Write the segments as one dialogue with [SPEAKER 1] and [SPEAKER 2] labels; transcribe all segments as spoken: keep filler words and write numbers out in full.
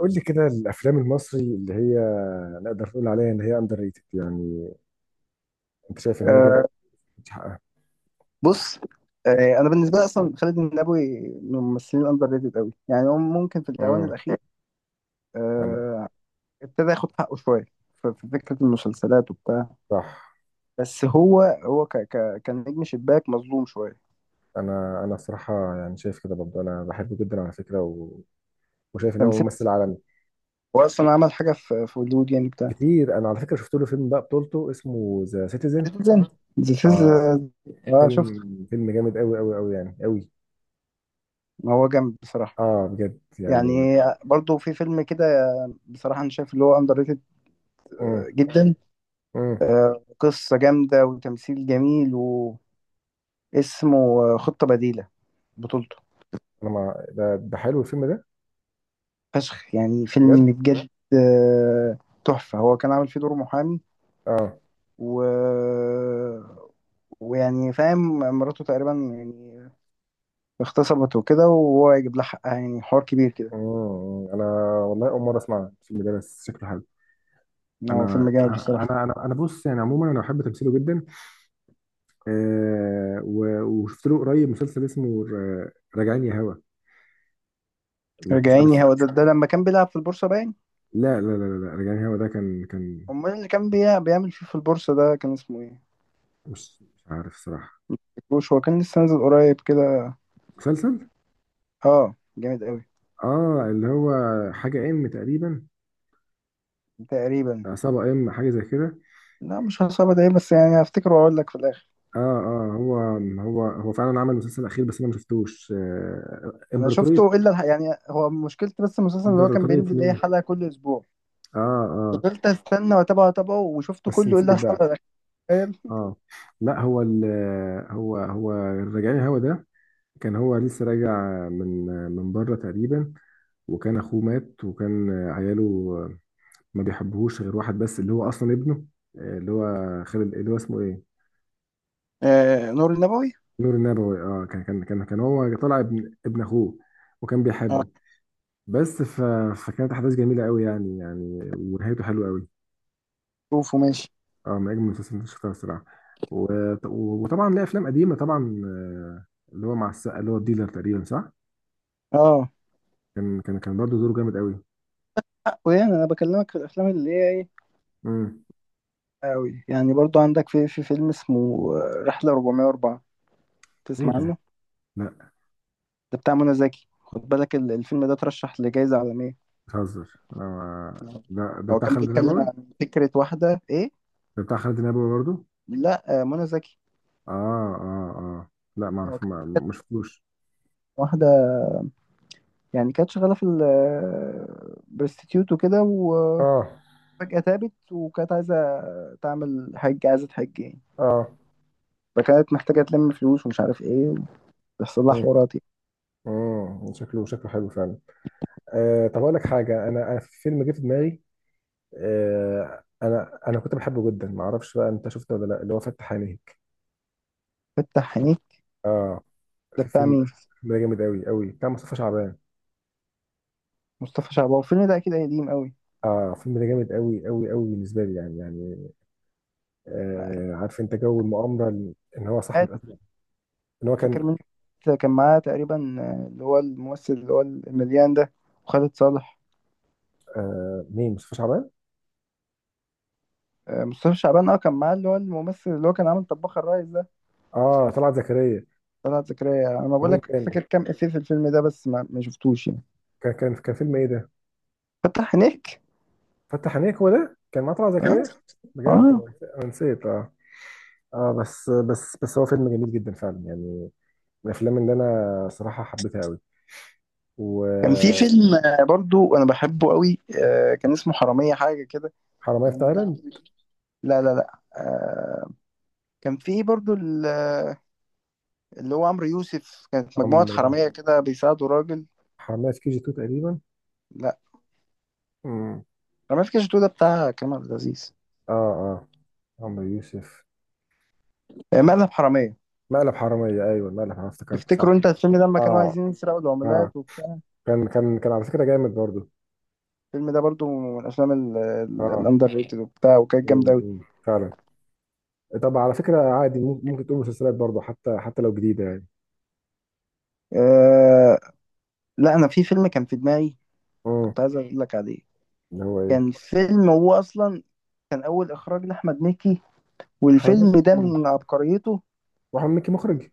[SPEAKER 1] قول لي كده الافلام المصري اللي هي نقدر نقول عليها ان هي اندر ريتد يعني؟ انت شايف ان هي جامده،
[SPEAKER 2] آه،
[SPEAKER 1] مش حقها؟
[SPEAKER 2] بص آه، انا بالنسبه لي اصلا خالد النبوي من الممثلين الاندر ريتد قوي، يعني هو ممكن في الاوان
[SPEAKER 1] امم
[SPEAKER 2] الاخيره
[SPEAKER 1] انا.
[SPEAKER 2] آه، ابتدى ياخد حقه شويه في في فكره المسلسلات وبتاع.
[SPEAKER 1] صح.
[SPEAKER 2] بس هو هو ك ك كان نجم شباك مظلوم شويه.
[SPEAKER 1] انا انا الصراحه يعني شايف كده برضه، انا بحبه جدا على فكره، و... وشايف ان هو
[SPEAKER 2] تمثيل،
[SPEAKER 1] ممثل عالمي.
[SPEAKER 2] هو اصلا عمل حاجه في في هوليوود يعني بتاع.
[SPEAKER 1] كتير. انا على فكره شفت له فيلم بقى بطولته اسمه ذا سيتيزن.
[SPEAKER 2] سيتيزن، ذا
[SPEAKER 1] اه،
[SPEAKER 2] سيتيزن. اه
[SPEAKER 1] فيلم
[SPEAKER 2] شفته.
[SPEAKER 1] فيلم جامد قوي قوي قوي، يعني قوي.
[SPEAKER 2] هو جامد بصراحه
[SPEAKER 1] اه بجد
[SPEAKER 2] يعني.
[SPEAKER 1] يعني.
[SPEAKER 2] برضو في فيلم كده، بصراحه انا شايف اللي هو اندر ريتد آه،
[SPEAKER 1] امم
[SPEAKER 2] جدا.
[SPEAKER 1] امم
[SPEAKER 2] قصه جامده وتمثيل جميل، واسمه آه، خطه بديله، بطولته.
[SPEAKER 1] انا، ما ده ده حلو الفيلم ده.
[SPEAKER 2] فشخ يعني،
[SPEAKER 1] بجد.
[SPEAKER 2] فيلم بجد آه، تحفة. هو كان عامل فيه دور محامي
[SPEAKER 1] اه.
[SPEAKER 2] و... ويعني فاهم مراته تقريبا يعني اغتصبت وكده، وهو يجيب لها حقها، يعني حوار كبير كده.
[SPEAKER 1] امم انا والله اول مره اسمع الفيلم ده، بس شكله حلو.
[SPEAKER 2] هو فيلم
[SPEAKER 1] انا
[SPEAKER 2] جامد بصراحة.
[SPEAKER 1] انا انا انا بص، يعني عموما انا بحب تمثيله جدا. آه، و- وشفت له قريب مسلسل اسمه ر- راجعين يا هوا، مش
[SPEAKER 2] رجعيني
[SPEAKER 1] عارف.
[SPEAKER 2] هو ده، ده لما كان بيلعب في البورصة باين.
[SPEAKER 1] لا لا لا لا، راجعين يا هوا ده كان كان
[SPEAKER 2] امال اللي كان بيع- بيعمل فيه في البورصة ده كان اسمه ايه؟
[SPEAKER 1] مش مش عارف صراحة.
[SPEAKER 2] مفتكروش هو كان لسه نازل قريب كده.
[SPEAKER 1] مسلسل،
[SPEAKER 2] اه جامد قوي.
[SPEAKER 1] اه، اللي هو حاجة ام تقريبا.
[SPEAKER 2] تقريبا.
[SPEAKER 1] عصابة ام حاجة زي كده.
[SPEAKER 2] لا مش هصعب، ده ايه بس؟ يعني هفتكره واقول لك في الاخر.
[SPEAKER 1] اه اه، هو هو هو فعلا عمل مسلسل اخير بس انا ما شفتوش، آه،
[SPEAKER 2] انا
[SPEAKER 1] امبراطورية.
[SPEAKER 2] شفته الا الح- يعني، هو مشكلتي بس المسلسل ان هو كان
[SPEAKER 1] امبراطورية
[SPEAKER 2] بينزل اي
[SPEAKER 1] مين؟
[SPEAKER 2] حلقه كل اسبوع،
[SPEAKER 1] اه اه.
[SPEAKER 2] فضلت استنى واتابعه واتابعه وشفته
[SPEAKER 1] بس
[SPEAKER 2] كله
[SPEAKER 1] نسيت
[SPEAKER 2] الا
[SPEAKER 1] بقى.
[SPEAKER 2] الحلقه الاخيره. تخيل.
[SPEAKER 1] اه. لا هو ال... هو هو الرجعي الهوا ده كان هو لسه راجع من، من بره تقريبا. وكان اخوه مات وكان عياله ما بيحبوهوش غير واحد بس، اللي هو اصلا ابنه، اللي هو خالد، اللي هو اسمه ايه...
[SPEAKER 2] آه نور النبوي.
[SPEAKER 1] نور النبوي. اه، كان كان كان كان هو طالع ابن، ابن اخوه، وكان
[SPEAKER 2] اه.
[SPEAKER 1] بيحبه. بس ف... فكانت احداث جميله قوي يعني، يعني، ونهايته حلوه قوي.
[SPEAKER 2] شوفه ماشي.
[SPEAKER 1] اه، من اجمل المسلسلات اللي شفتها الصراحه. و... وطبعا ليه افلام قديمه طبعا، آه، اللي هو مع السقا، اللي هو الديلر تقريبا، صح.
[SPEAKER 2] اه.
[SPEAKER 1] كان كان كان برضه دوره جامد قوي.
[SPEAKER 2] ويعني انا بكلمك في الافلام اللي هي ايه،
[SPEAKER 1] امم
[SPEAKER 2] قوي يعني. برضو عندك في في فيلم اسمه آه، رحله اربعمية واربعة،
[SPEAKER 1] ايه
[SPEAKER 2] تسمع
[SPEAKER 1] ده؟
[SPEAKER 2] عنه؟
[SPEAKER 1] لا،
[SPEAKER 2] ده بتاع منى زكي، خد بالك ال- الفيلم ده ترشح لجائزه عالميه.
[SPEAKER 1] بتهزر، آه، ده ده
[SPEAKER 2] هو
[SPEAKER 1] بتاع
[SPEAKER 2] كان
[SPEAKER 1] خالد
[SPEAKER 2] بيتكلم
[SPEAKER 1] نبوي؟
[SPEAKER 2] عن فكره واحده ايه.
[SPEAKER 1] ده بتاع خالد نبوي برضو؟
[SPEAKER 2] لا آه منى زكي.
[SPEAKER 1] اه اه اه، لا ما
[SPEAKER 2] هو
[SPEAKER 1] اعرف،
[SPEAKER 2] كان
[SPEAKER 1] ما ما شفتوش.
[SPEAKER 2] واحده يعني كانت شغاله في البرستيتيوت وكده، وفجاه
[SPEAKER 1] اه
[SPEAKER 2] تابت وكانت عايزه تعمل حج، عايزه تحج يعني.
[SPEAKER 1] اه.
[SPEAKER 2] فكانت محتاجه تلم فلوس ومش عارف ايه، ويحصل لها
[SPEAKER 1] مم.
[SPEAKER 2] حوارات يعني.
[SPEAKER 1] مم. شكله شكله حلو فعلا. آه طب اقول لك حاجه، انا انا في فيلم جه في دماغي. آه انا انا كنت بحبه جدا، ما اعرفش بقى انت شفته ولا لا، اللي هو فتح عينيك.
[SPEAKER 2] فتح عينيك.
[SPEAKER 1] اه،
[SPEAKER 2] ده
[SPEAKER 1] في
[SPEAKER 2] بتاع
[SPEAKER 1] فيلم،
[SPEAKER 2] مين؟
[SPEAKER 1] فيلم ده جامد قوي قوي بتاع مصطفى شعبان.
[SPEAKER 2] مصطفى شعبان، الفيلم ده اكيد قديم قوي.
[SPEAKER 1] اه، فيلم ده جامد قوي قوي قوي بالنسبه لي يعني، يعني. آه، عارف انت جو المؤامره، ان هو صاحب
[SPEAKER 2] قاعد
[SPEAKER 1] الأزرق، ان هو كان...
[SPEAKER 2] فاكر مين كان معاه تقريبا؟ اللي هو الممثل اللي هو المليان ده، وخالد صالح.
[SPEAKER 1] آه مين؟ مصطفى شعبان.
[SPEAKER 2] آه، مصطفى شعبان اه كان معاه اللي هو الممثل اللي هو كان عامل طباخ الريس ده.
[SPEAKER 1] اه، طلعت زكريا.
[SPEAKER 2] طلعت زكريا، انا بقول
[SPEAKER 1] ومين
[SPEAKER 2] لك
[SPEAKER 1] تاني؟
[SPEAKER 2] فاكر كام افيه في الفيلم ده بس ما ما شفتوش يعني.
[SPEAKER 1] كان كان كان فيلم ايه ده؟
[SPEAKER 2] فتح عينيك.
[SPEAKER 1] فتح عينيك. هو ده كان مع طلعت
[SPEAKER 2] اه
[SPEAKER 1] زكريا؟ بجد
[SPEAKER 2] اه.
[SPEAKER 1] انا نسيت، أنا نسيت، اه. اه بس بس بس هو فيلم جميل جدا فعلا يعني، من الافلام اللي انا صراحه حبيتها قوي.
[SPEAKER 2] كان في
[SPEAKER 1] وحرامية
[SPEAKER 2] فيلم آه، برضو انا بحبه قوي، آه، كان اسمه حرامية حاجة كده،
[SPEAKER 1] في
[SPEAKER 2] كان بتاع عمرو
[SPEAKER 1] تايلاند.
[SPEAKER 2] يوسف. لا لا لا آه، كان في برضو ال- اللي هو عمرو يوسف كانت مجموعة
[SPEAKER 1] عمرو.
[SPEAKER 2] حرامية كده بيساعدوا راجل.
[SPEAKER 1] حرامية في كي جي اتنين تقريبا.
[SPEAKER 2] لا،
[SPEAKER 1] امم
[SPEAKER 2] حرامية في كاش ده بتاع كريم عبد العزيز.
[SPEAKER 1] اه اه. عمرو يوسف.
[SPEAKER 2] آه، مقلب حرامية.
[SPEAKER 1] مقلب حرامية. ايوه مقلب حرامية، افتكرت
[SPEAKER 2] تفتكروا
[SPEAKER 1] صح.
[SPEAKER 2] انت الفيلم ده لما كانوا
[SPEAKER 1] اه
[SPEAKER 2] عايزين يسرقوا
[SPEAKER 1] اه.
[SPEAKER 2] العملات وبتاع؟
[SPEAKER 1] كان كان كان على فكرة جامد برضو.
[SPEAKER 2] الفيلم ده برضو من الافلام ال- ال-
[SPEAKER 1] اه.
[SPEAKER 2] الاندر ريتد وبتاع، وكانت جامدة
[SPEAKER 1] امم،
[SPEAKER 2] قوي.
[SPEAKER 1] أمم، فعلا. طب على فكرة عادي، مم- ممكن تقول مسلسلات برضه، حتى حتى لو جديدة يعني.
[SPEAKER 2] آه، لا انا في فيلم كان في دماغي
[SPEAKER 1] اه،
[SPEAKER 2] كنت عايز اقول لك عليه.
[SPEAKER 1] اللي هو
[SPEAKER 2] كان
[SPEAKER 1] ايه؟
[SPEAKER 2] فيلم، هو اصلا كان اول اخراج لاحمد مكي،
[SPEAKER 1] احمد
[SPEAKER 2] والفيلم ده
[SPEAKER 1] مكي.
[SPEAKER 2] من عبقريته.
[SPEAKER 1] واحمد مكي مخرج؟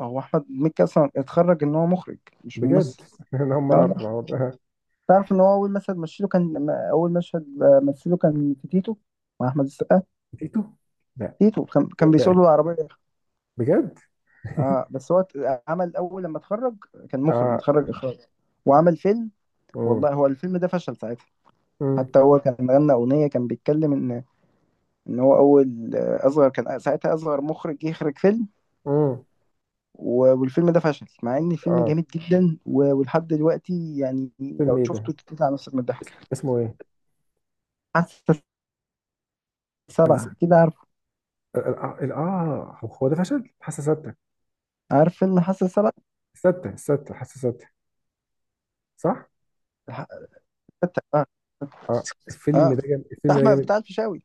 [SPEAKER 2] هو احمد مكي اصلا اتخرج ان هو مخرج، مش
[SPEAKER 1] بجد،
[SPEAKER 2] ممثل.
[SPEAKER 1] انا اول
[SPEAKER 2] اه
[SPEAKER 1] مرة اعرف
[SPEAKER 2] والله.
[SPEAKER 1] الحوار ده.
[SPEAKER 2] تعرف ان هو اول مشهد مثله كان ما- اول مشهد آه، مثله كان في تيتو مع احمد السقا.
[SPEAKER 1] تيتو؟ لا.
[SPEAKER 2] تيتو، كان كان
[SPEAKER 1] فين
[SPEAKER 2] بيسوق
[SPEAKER 1] بقى؟
[SPEAKER 2] له العربيه.
[SPEAKER 1] بجد.
[SPEAKER 2] اه بس هو ت- عمل اول لما اتخرج كان مخرج
[SPEAKER 1] اه.
[SPEAKER 2] متخرج اخراج، وعمل فيلم. والله
[SPEAKER 1] امم
[SPEAKER 2] هو الفيلم ده فشل ساعتها.
[SPEAKER 1] امم
[SPEAKER 2] حتى هو كان غنى اغنيه كان بيتكلم ان ان هو اول آه، اصغر كان ساعتها اصغر مخرج يخرج فيلم.
[SPEAKER 1] امم
[SPEAKER 2] و- والفيلم ده فشل مع ان الفيلم
[SPEAKER 1] اه.
[SPEAKER 2] جامد جدا، و- ولحد دلوقتي يعني
[SPEAKER 1] فيلم
[SPEAKER 2] لو
[SPEAKER 1] ايه ده؟
[SPEAKER 2] شفته تطلع نفسك من
[SPEAKER 1] اس-
[SPEAKER 2] الضحك.
[SPEAKER 1] اسمه ايه؟
[SPEAKER 2] حاسة
[SPEAKER 1] اس-
[SPEAKER 2] سبعة، كده عارف؟
[SPEAKER 1] ال- ال- اه، هو ده فشل. حاسة ستة.
[SPEAKER 2] عارف فيلم حاسة سبعة؟
[SPEAKER 1] ستة ستة حاسة ستة، صح.
[SPEAKER 2] الح- حتى- اه
[SPEAKER 1] اه، الفيلم
[SPEAKER 2] اه.
[SPEAKER 1] ده جامد،
[SPEAKER 2] بتاع
[SPEAKER 1] الفيلم ده
[SPEAKER 2] احمد
[SPEAKER 1] جامد،
[SPEAKER 2] بتاع الفيشاوي،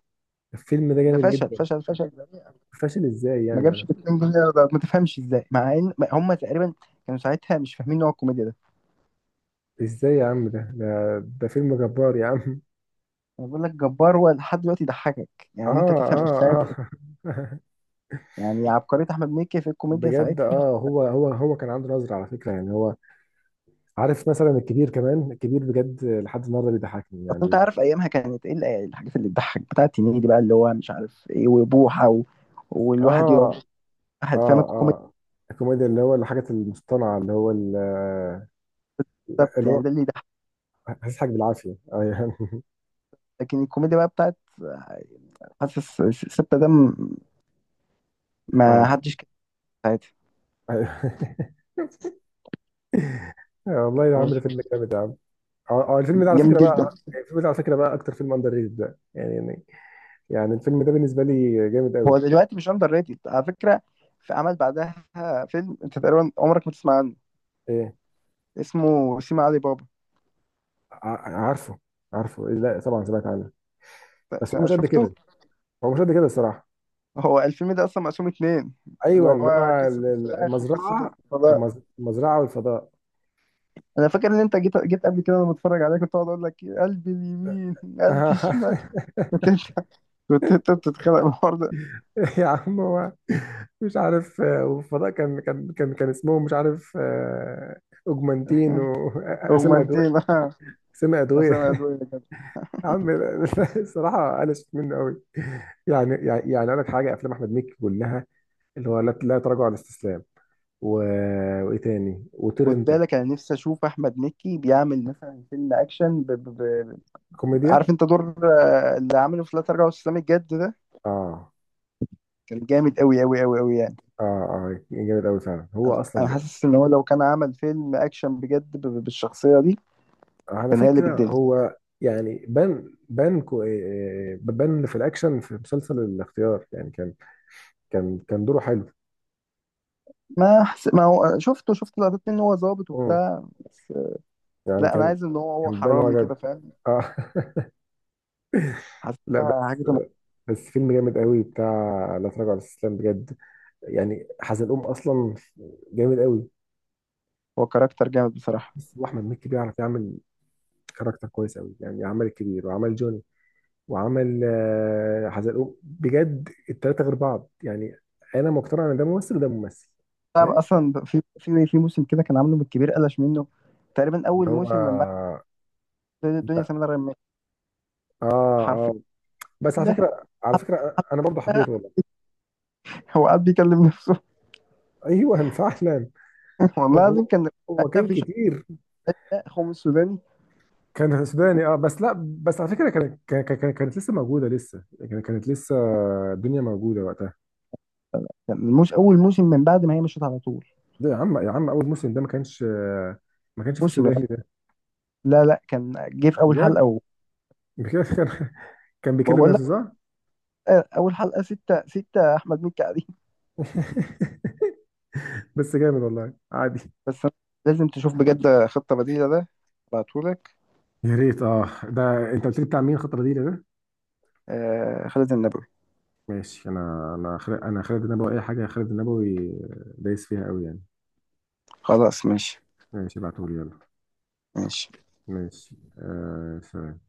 [SPEAKER 1] الفيلم ده
[SPEAKER 2] ده
[SPEAKER 1] جامد
[SPEAKER 2] فشل
[SPEAKER 1] جدا.
[SPEAKER 2] فشل فشل ذريع.
[SPEAKER 1] فاشل ازاي
[SPEAKER 2] ما
[SPEAKER 1] يعني،
[SPEAKER 2] جابش
[SPEAKER 1] يعني؟
[SPEAKER 2] جنيهين. ده ما تفهمش ازاي، مع ان هم تقريبا كانوا ساعتها مش فاهمين نوع الكوميديا ده.
[SPEAKER 1] ازاي يا عم؟ ده ده, ده فيلم جبار يا عم.
[SPEAKER 2] انا بقول لك جبار، هو لحد دلوقتي يضحكك
[SPEAKER 1] اه
[SPEAKER 2] يعني، انت تفهم
[SPEAKER 1] اه
[SPEAKER 2] ساعتها
[SPEAKER 1] اه.
[SPEAKER 2] يعني عبقرية احمد مكي في الكوميديا
[SPEAKER 1] بجد.
[SPEAKER 2] ساعتها.
[SPEAKER 1] اه، هو هو هو كان عنده نظرة على فكرة، يعني هو عارف. مثلا الكبير، كمان الكبير بجد لحد النهارده بيضحكني
[SPEAKER 2] اصل انت
[SPEAKER 1] يعني.
[SPEAKER 2] عارف ايامها كانت ايه ال- الحاجات اللي تضحك بتاعت هنيدي دي بقى اللي هو مش عارف ايه وبوحه و... والواحد يقعد،
[SPEAKER 1] اه
[SPEAKER 2] واحد
[SPEAKER 1] اه
[SPEAKER 2] فاهم الكوميدي
[SPEAKER 1] اه، الكوميديا اللي هو الحاجة المصطنعة، اللي هو ال-
[SPEAKER 2] بالظبط،
[SPEAKER 1] اللي
[SPEAKER 2] يعني
[SPEAKER 1] هو
[SPEAKER 2] ده اللي يضحك.
[SPEAKER 1] هتضحك بالعافية. اه يعني.
[SPEAKER 2] لكن الكوميديا بقى بتاعت حاسس ستة ده م- ما
[SPEAKER 1] اه
[SPEAKER 2] حدش كده في حياتي.
[SPEAKER 1] أيوه. آه، والله يا
[SPEAKER 2] هو
[SPEAKER 1] عم ده فيلم جامد يا عم. اه، آه، الفيلم ده على
[SPEAKER 2] جامد
[SPEAKER 1] فكرة
[SPEAKER 2] جدا.
[SPEAKER 1] بقى، الفيلم ده على فكرة بقى أكتر فيلم أندر ريتد ده، يعني، يعني، يعني الفيلم ده بالنسبة لي جامد قوي.
[SPEAKER 2] هو دلوقتي مش اندر ريتد على فكره. في عمل بعدها، فيلم انت تقريبا عمرك ما تسمع عنه،
[SPEAKER 1] ايه؟
[SPEAKER 2] اسمه سيما علي بابا.
[SPEAKER 1] ع- عارفه. عارفه، إيه، لا طبعا سمعت عنه بس هو
[SPEAKER 2] س-
[SPEAKER 1] مش قد
[SPEAKER 2] شفته؟
[SPEAKER 1] كده. هو مش قد كده الصراحه.
[SPEAKER 2] هو الفيلم ده اصلا مقسوم اتنين، اللي
[SPEAKER 1] ايوه، اللي
[SPEAKER 2] هو
[SPEAKER 1] هو
[SPEAKER 2] قصه
[SPEAKER 1] ال- ال-
[SPEAKER 2] الفراخ وقصه
[SPEAKER 1] المزرعه.
[SPEAKER 2] الفراخ.
[SPEAKER 1] المز- المزرعه والفضاء.
[SPEAKER 2] انا فاكر ان انت جيت جيت قبل كده وانا بتفرج عليك، كنت اقعد اقول لك إيه، قلبي اليمين، قلبي الشمال. كنت انت كنت انت بتتخانق الحوار ده.
[SPEAKER 1] يا عم هو مش عارف، آه، والفضاء كان كان كان كان اسمهم مش عارف، آه، اوجمانتين واسامي ادويه.
[SPEAKER 2] اغمانتين آه،
[SPEAKER 1] اسامي
[SPEAKER 2] اسامي
[SPEAKER 1] ادويه.
[SPEAKER 2] ادويه كده.
[SPEAKER 1] يا عم لا- لا، الصراحه قلشت منه قوي يعني، يعني، يعني. اقول لك حاجه، افلام احمد مكي كلها، اللي هو لا لا تراجع ولا استسلام، و... وايه تاني، وطير
[SPEAKER 2] خد
[SPEAKER 1] انت.
[SPEAKER 2] بالك انا نفسي اشوف احمد مكي بيعمل مثلا فيلم اكشن ب... ب... ب...
[SPEAKER 1] كوميديا.
[SPEAKER 2] عارف انت دور آه، اللي عامله في لا تراجع ولا استسلام الجد ده؟
[SPEAKER 1] اه
[SPEAKER 2] كان جامد قوي قوي قوي قوي يعني.
[SPEAKER 1] اه اه، جامد قوي فعلا، هو اصلا
[SPEAKER 2] انا
[SPEAKER 1] جامد.
[SPEAKER 2] حاسس ان هو لو كان عمل فيلم اكشن بجد ب... ب- بالشخصيه دي
[SPEAKER 1] على
[SPEAKER 2] كان هيقلب
[SPEAKER 1] فكره
[SPEAKER 2] الدنيا.
[SPEAKER 1] هو يعني بان، بان كو إيه، بان في الاكشن في مسلسل الاختيار يعني، كان كان كان دوره حلو.
[SPEAKER 2] ما حس... ما هو شفته، شفت لقطات منه هو ظابط
[SPEAKER 1] امم
[SPEAKER 2] وبتاع بس.
[SPEAKER 1] يعني
[SPEAKER 2] لا انا
[SPEAKER 1] كان،
[SPEAKER 2] عايز ان هو هو
[SPEAKER 1] كان بان هو
[SPEAKER 2] حرامي كده
[SPEAKER 1] جد.
[SPEAKER 2] فاهم.
[SPEAKER 1] اه.
[SPEAKER 2] حتى
[SPEAKER 1] لا بس،
[SPEAKER 2] هجد م-
[SPEAKER 1] بس فيلم جامد قوي بتاع لا تراجع ولا استسلام بجد، يعني حزلقوم اصلا جامد قوي.
[SPEAKER 2] هو كاركتر جامد بصراحة.
[SPEAKER 1] بس واحمد مكي بيعرف يعمل كاركتر كويس قوي، يعني عمل الكبير وعمل جون وعمل، آه، حزلقوم، بجد التلاتة غير بعض يعني. انا مقتنع ان ده ممثل وده ممثل.
[SPEAKER 2] طب
[SPEAKER 1] فاهم
[SPEAKER 2] أصلا في في في موسم كده كان عامله من الكبير قلش منه، تقريبا
[SPEAKER 1] اللي
[SPEAKER 2] أول
[SPEAKER 1] هو.
[SPEAKER 2] موسم من بعد الدنيا
[SPEAKER 1] لا.
[SPEAKER 2] سمير غانم.
[SPEAKER 1] اه
[SPEAKER 2] حرفيا
[SPEAKER 1] اه، بس على
[SPEAKER 2] كاملة
[SPEAKER 1] فكرة، على فكرة انا برضه
[SPEAKER 2] حلقة
[SPEAKER 1] حبيته والله.
[SPEAKER 2] هو قاعد بيكلم نفسه.
[SPEAKER 1] ايوه فعلا.
[SPEAKER 2] والله
[SPEAKER 1] هو
[SPEAKER 2] العظيم كان
[SPEAKER 1] هو
[SPEAKER 2] أنا
[SPEAKER 1] كان
[SPEAKER 2] في
[SPEAKER 1] كتير.
[SPEAKER 2] شخصية خوم السوداني.
[SPEAKER 1] كان سوداني اه، بس لا، بس على فكرة كانت، كان- كان- كانت لسه موجودة لسه، كان- كانت لسه الدنيا موجودة وقتها.
[SPEAKER 2] كان مش أول موسم من بعد ما هي مشيت على طول
[SPEAKER 1] ده يا عم، يا عم اول موسم ده ما كانش، آه، ما كانش في
[SPEAKER 2] موسم؟
[SPEAKER 1] السوداني ده.
[SPEAKER 2] لا لا كان جه في أول
[SPEAKER 1] بجد؟
[SPEAKER 2] حلقة و-
[SPEAKER 1] بجد. كان، كان بيكلم
[SPEAKER 2] وبقول لك،
[SPEAKER 1] نفسه صح؟
[SPEAKER 2] آه، أول حلقة ستة ستة أحمد مكي قاعدين.
[SPEAKER 1] بس جامد والله، عادي.
[SPEAKER 2] بس أنا لازم تشوف بجد خطة بديلة ده، بعتهولك.
[SPEAKER 1] يا ريت. اه ده انت قلت لي بتاع مين خطر دي ده؟
[SPEAKER 2] آه خالد النبوي.
[SPEAKER 1] ماشي، انا انا خالد، انا خالد النبوي اي حاجه خالد النبوي دايس فيها قوي يعني.
[SPEAKER 2] خلاص ماشي.
[SPEAKER 1] ماشي، ابعتهولي يلا.
[SPEAKER 2] ماشي.
[SPEAKER 1] ماشي، آه سلام.